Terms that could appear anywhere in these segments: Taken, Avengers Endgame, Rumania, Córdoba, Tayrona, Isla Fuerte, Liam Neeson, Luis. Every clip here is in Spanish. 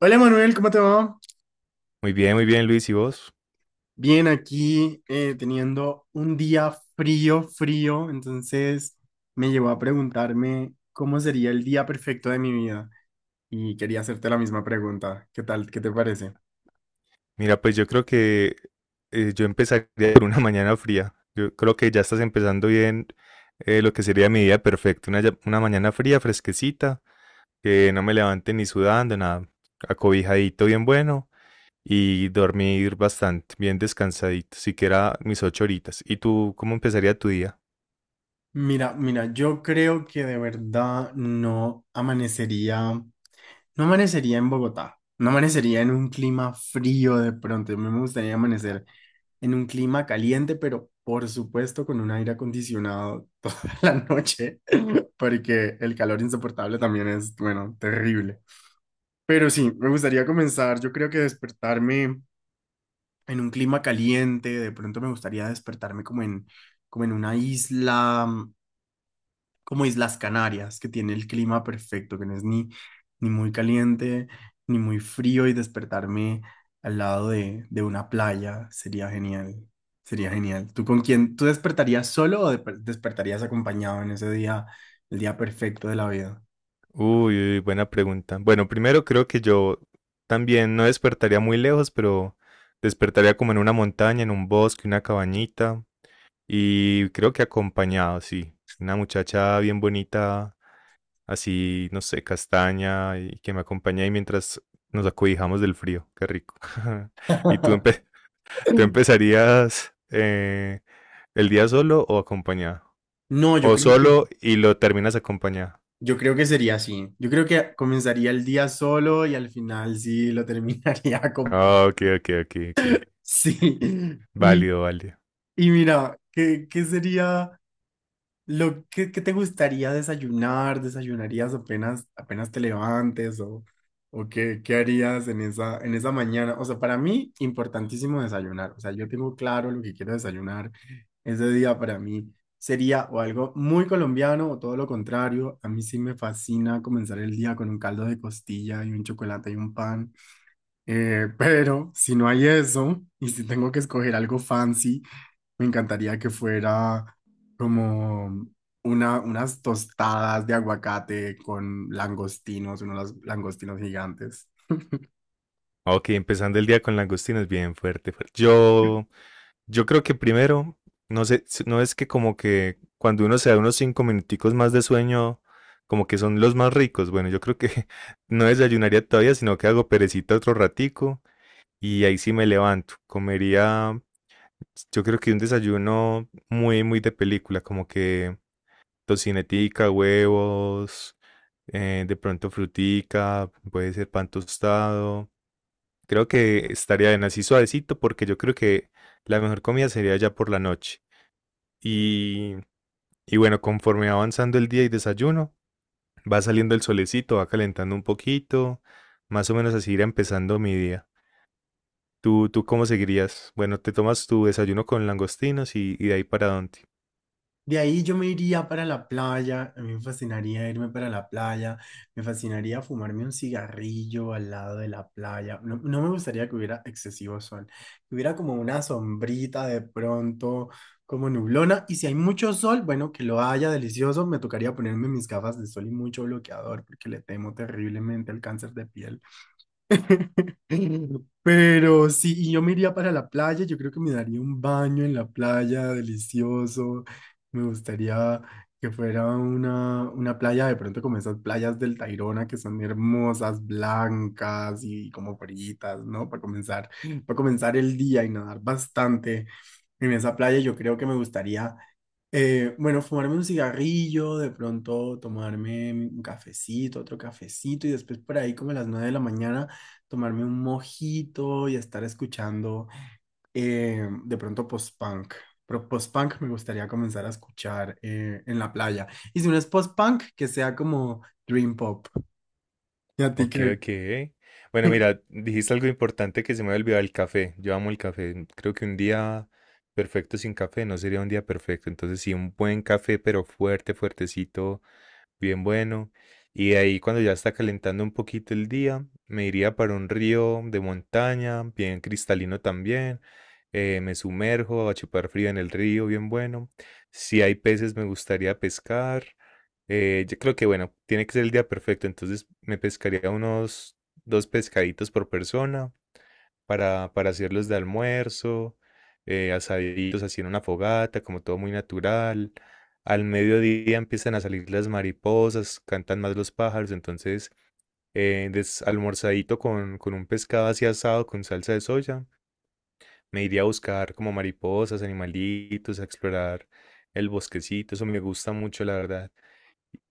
Hola Manuel, ¿cómo te va? Muy bien, Luis. ¿Y vos? Bien, aquí teniendo un día frío, frío, entonces me llevó a preguntarme cómo sería el día perfecto de mi vida y quería hacerte la misma pregunta. ¿Qué tal? ¿Qué te parece? Mira, pues yo creo que yo empezaría por una mañana fría. Yo creo que ya estás empezando bien lo que sería mi día perfecto. Una, una mañana fría, fresquecita, que no me levante ni sudando, nada. Acobijadito, bien bueno. Y dormir bastante, bien descansadito, siquiera mis 8 horitas. ¿Y tú cómo empezaría tu día? Mira, mira, yo creo que de verdad no amanecería, no amanecería en Bogotá, no amanecería en un clima frío de pronto, a mí me gustaría amanecer en un clima caliente, pero por supuesto con un aire acondicionado toda la noche porque el calor insoportable también es, bueno, terrible. Pero sí, me gustaría comenzar, yo creo que despertarme en un clima caliente, de pronto me gustaría despertarme como en una isla, como Islas Canarias, que tiene el clima perfecto, que no es ni muy caliente, ni muy frío, y despertarme al lado de una playa, sería genial, sería genial. ¿Tú con quién? ¿Tú despertarías solo o despertarías acompañado en ese día, el día perfecto de la vida? Uy, uy, buena pregunta. Bueno, primero creo que yo también no despertaría muy lejos, pero despertaría como en una montaña, en un bosque, una cabañita. Y creo que acompañado, sí. Una muchacha bien bonita, así, no sé, castaña, y que me acompañe ahí mientras nos acobijamos del frío. Qué rico. ¿Y tú, empe- tú empezarías el día solo o acompañado? No, O solo y lo terminas acompañado. yo creo que sería así. Yo creo que comenzaría el día solo y al final sí lo terminaría con paz. Ah, ok, ok, ok, ok. Sí. Y, Válido, válido. y mira, ¿qué sería? ¿Qué te gustaría desayunarías apenas te levantes o qué harías en en esa mañana. O sea, para mí, importantísimo desayunar. O sea, yo tengo claro lo que quiero desayunar. Ese día para mí sería o algo muy colombiano o todo lo contrario. A mí sí me fascina comenzar el día con un caldo de costilla y un chocolate y un pan. Pero si no hay eso y si tengo que escoger algo fancy. Me encantaría que fuera como unas tostadas de aguacate con langostinos, unos langostinos gigantes. Ok, empezando el día con langostinos, bien fuerte, fuerte. Yo creo que primero, no sé, no es que como que cuando uno se da unos 5 minuticos más de sueño, como que son los más ricos. Bueno, yo creo que no desayunaría todavía, sino que hago perecita otro ratico y ahí sí me levanto. Comería, yo creo que un desayuno muy, muy de película, como que tocinetica, huevos, de pronto frutica, puede ser pan tostado. Creo que estaría bien así suavecito porque yo creo que la mejor comida sería ya por la noche. Y, y bueno, conforme va avanzando el día y desayuno, va saliendo el solecito, va calentando un poquito, más o menos así irá empezando mi día. ¿Tú cómo seguirías? Bueno, te tomas tu desayuno con langostinos y de ahí para dónde. De ahí yo me iría para la playa, a mí me fascinaría irme para la playa, me fascinaría fumarme un cigarrillo al lado de la playa. No, no me gustaría que hubiera excesivo sol, que hubiera como una sombrita de pronto, como nublona, y si hay mucho sol, bueno, que lo haya delicioso, me tocaría ponerme mis gafas de sol y mucho bloqueador, porque le temo terriblemente al cáncer de piel. Pero sí, y yo me iría para la playa, yo creo que me daría un baño en la playa delicioso. Me gustaría que fuera una playa de pronto como esas playas del Tayrona que son hermosas, blancas y como fritas, ¿no? Para comenzar el día y nadar bastante en esa playa, yo creo que me gustaría bueno, fumarme un cigarrillo, de pronto tomarme un cafecito, otro cafecito y después por ahí como a las 9 de la mañana tomarme un mojito y estar escuchando de pronto post-punk. Pero post-punk me gustaría comenzar a escuchar en la playa. Y si no es post-punk, que sea como dream pop. ¿Y a ti Ok, qué? ok. Bueno, mira, dijiste algo importante que se me había olvidado, el café. Yo amo el café. Creo que un día perfecto sin café no sería un día perfecto. Entonces, sí, un buen café, pero fuerte, fuertecito bien bueno. Y de ahí cuando ya está calentando un poquito el día, me iría para un río de montaña, bien cristalino también. Me sumerjo a chupar frío en el río, bien bueno. Si hay peces, me gustaría pescar. Yo creo que, bueno, tiene que ser el día perfecto, entonces me pescaría unos dos pescaditos por persona para hacerlos de almuerzo, asaditos así en una fogata, como todo muy natural. Al mediodía empiezan a salir las mariposas, cantan más los pájaros, entonces almorzadito con un pescado así asado con salsa de soya, me iría a buscar como mariposas, animalitos, a explorar el bosquecito, eso me gusta mucho, la verdad.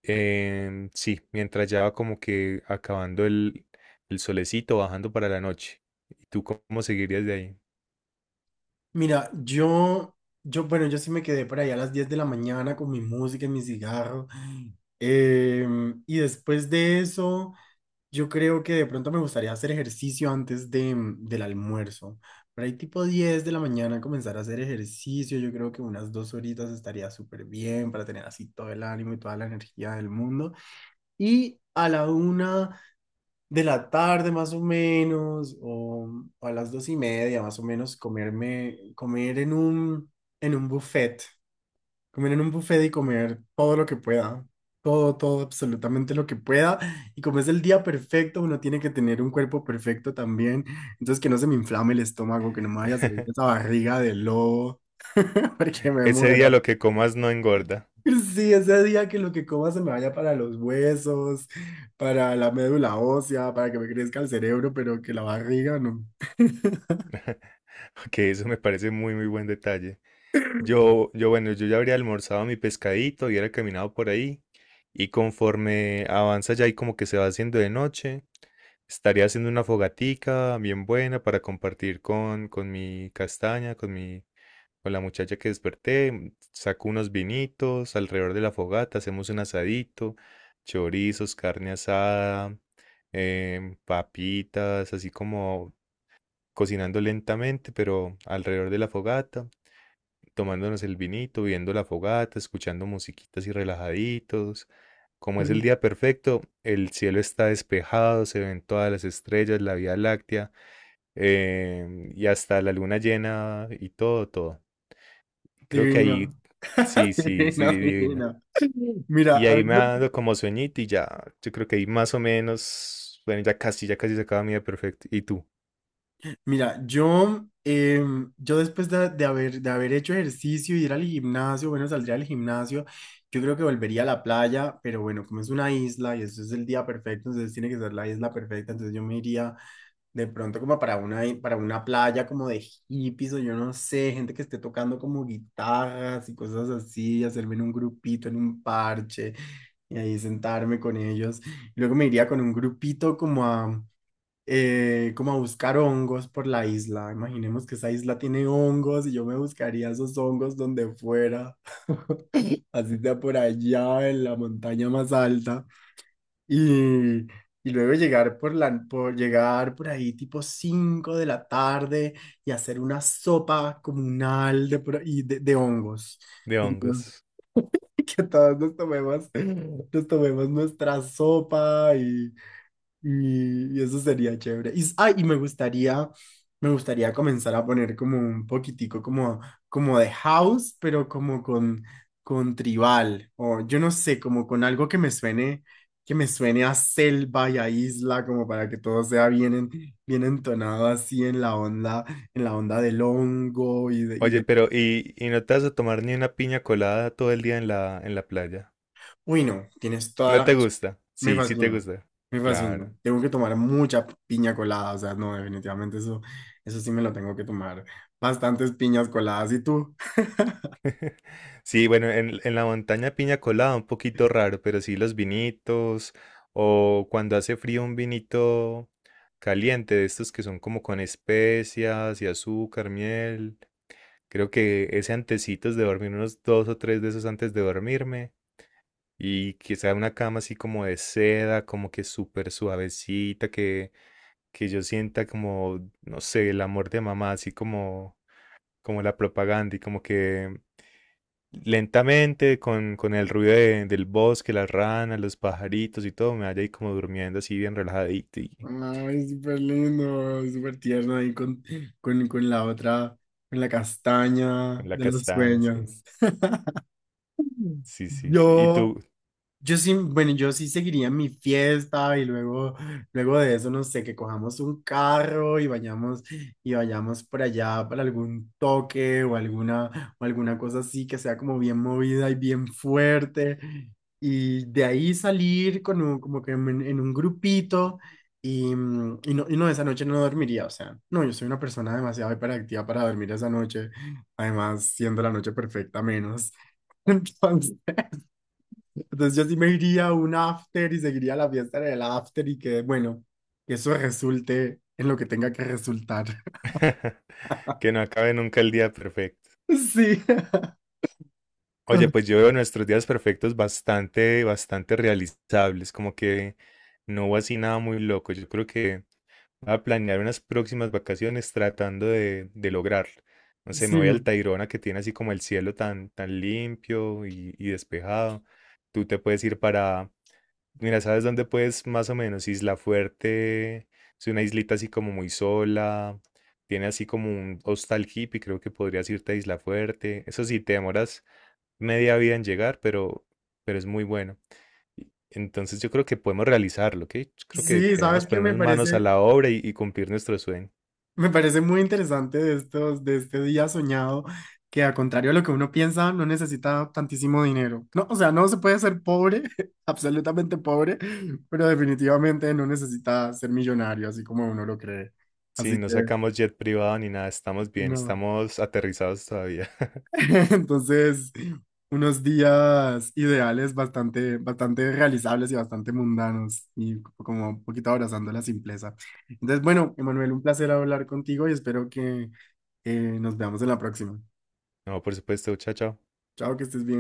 Sí, mientras ya va como que acabando el solecito, bajando para la noche. ¿Y tú cómo seguirías de ahí? Mira, bueno, yo sí me quedé por ahí a las 10 de la mañana con mi música y mi cigarro. Y después de eso... Yo creo que de pronto me gustaría hacer ejercicio antes del almuerzo. Por ahí tipo 10 de la mañana comenzar a hacer ejercicio. Yo creo que unas 2 horitas estaría súper bien para tener así todo el ánimo y toda la energía del mundo. Y a la 1 de la tarde más o menos, o a las 2 y media más o menos, comer en en un buffet. Comer en un buffet y comer todo lo que pueda. Todo, todo, absolutamente lo que pueda. Y como es el día perfecto, uno tiene que tener un cuerpo perfecto también. Entonces, que no se me inflame el estómago, que no me vaya a salir esa barriga de lobo, porque me Ese día muero. lo que comas no engorda. Sí, ese día que lo que coma se me vaya para los huesos, para la médula ósea, para que me crezca el cerebro, pero que la barriga no. Que eso me parece muy, muy buen detalle. Bueno, yo ya habría almorzado mi pescadito, hubiera caminado por ahí. Y conforme avanza ya y como que se va haciendo de noche, estaría haciendo una fogatica bien buena para compartir con mi castaña, con la muchacha que desperté. Saco unos vinitos alrededor de la fogata, hacemos un asadito, chorizos, carne asada, papitas, así como cocinando lentamente, pero alrededor de la fogata, tomándonos el vinito, viendo la fogata, escuchando musiquitas y relajaditos. Como es el día perfecto, el cielo está despejado, se ven todas las estrellas, la Vía Láctea, y hasta la luna llena y todo, todo. Creo que Divino. ahí sí, sí, sí, Divino, divina. divino. Mira, Y a ahí mí me ha dado como sueñito y ya, yo creo que ahí más o menos, bueno, ya casi se acaba mi día perfecto. ¿Y tú? Mira, yo después de haber hecho ejercicio y ir al gimnasio, bueno, saldría al gimnasio, yo creo que volvería a la playa, pero bueno, como es una isla y eso es el día perfecto, entonces tiene que ser la isla perfecta, entonces yo me iría de pronto como para para una playa como de hippies o yo no sé, gente que esté tocando como guitarras y cosas así, hacerme en un grupito, en un parche y ahí sentarme con ellos. Luego me iría con un grupito como a buscar hongos por la isla. Imaginemos que esa isla tiene hongos y yo me buscaría esos hongos donde fuera, así sea por allá en la montaña más alta. Y, y luego llegar por llegar por ahí tipo 5 de la tarde y hacer una sopa comunal de hongos. De Y hongos. que todos nos tomemos nuestra sopa y eso sería chévere. Ay, y me gustaría comenzar a poner como un poquitico como de house, pero como con tribal, o yo no sé, como con algo que me suene a selva y a isla, como para que todo sea bien, bien entonado así en la onda, del hongo y de, y Oye, de... pero ¿y no te vas a tomar ni una piña colada todo el día en la playa? Uy, no, tienes toda ¿No la te razón. gusta? Me Sí, sí te fascina, gusta. me fascina. Claro. Tengo que tomar mucha piña colada, o sea, no, definitivamente eso sí me lo tengo que tomar. Bastantes piñas coladas, ¿y tú? Sí, bueno, en la montaña piña colada un poquito raro, pero sí los vinitos o cuando hace frío un vinito caliente de estos que son como con especias y azúcar, miel. Creo que ese antecitos de dormir, unos dos o tres de esos antes de dormirme. Y quizá una cama así como de seda, como que súper suavecita, que yo sienta como, no sé, el amor de mamá, así como la propaganda y como que lentamente con el ruido del bosque, las ranas, los pajaritos y todo, me vaya ahí como durmiendo así bien relajadito y Ay, súper lindo, súper tierno ahí con la otra, con la castaña con la de los castaña, así. sueños. Sí, sí, sí. Y Yo tú, Yo sí, bueno, yo sí seguiría mi fiesta y luego de eso, no sé, que cojamos un carro y y vayamos por allá para algún toque o o alguna cosa así que sea como bien movida y bien fuerte. Y de ahí salir con como que en un grupito y no, esa noche no dormiría, o sea, no, yo soy una persona demasiado hiperactiva para dormir esa noche, además siendo la noche perfecta menos. Entonces, entonces yo sí me iría a un after y seguiría la fiesta en el after y que, bueno, que eso resulte en lo que tenga que resultar. que no acabe nunca el día perfecto. Sí, Oye, pues yo veo nuestros días perfectos bastante, bastante realizables, como que no hubo así nada muy loco. Yo creo que... Voy a planear unas próximas vacaciones tratando de lograr. No sé, me sí, voy al Tayrona que tiene así como el cielo tan, tan limpio y despejado. Tú te puedes ir para... Mira, ¿sabes dónde puedes más o menos? Isla Fuerte. Es una islita así como muy sola. Tiene así como un hostal hippie. Creo que podrías irte a Isla Fuerte. Eso sí, te demoras media vida en llegar, pero es muy bueno. Entonces yo creo que podemos realizarlo, ¿ok? Yo creo que sí, sabes teníamos que que ponernos manos a la obra y cumplir nuestro sueño. me parece muy interesante de este día soñado, que a contrario de lo que uno piensa, no necesita tantísimo dinero. No, o sea, no se puede ser pobre, absolutamente pobre, pero definitivamente no necesita ser millonario, así como uno lo cree. Sí, Así no que sacamos jet privado ni nada, estamos bien, no. estamos aterrizados todavía. Entonces, unos días ideales bastante, bastante realizables y bastante mundanos y como un poquito abrazando la simpleza. Entonces, bueno, Emanuel, un placer hablar contigo y espero que nos veamos en la próxima. No, por supuesto, chao, chao. Chao, que estés bien.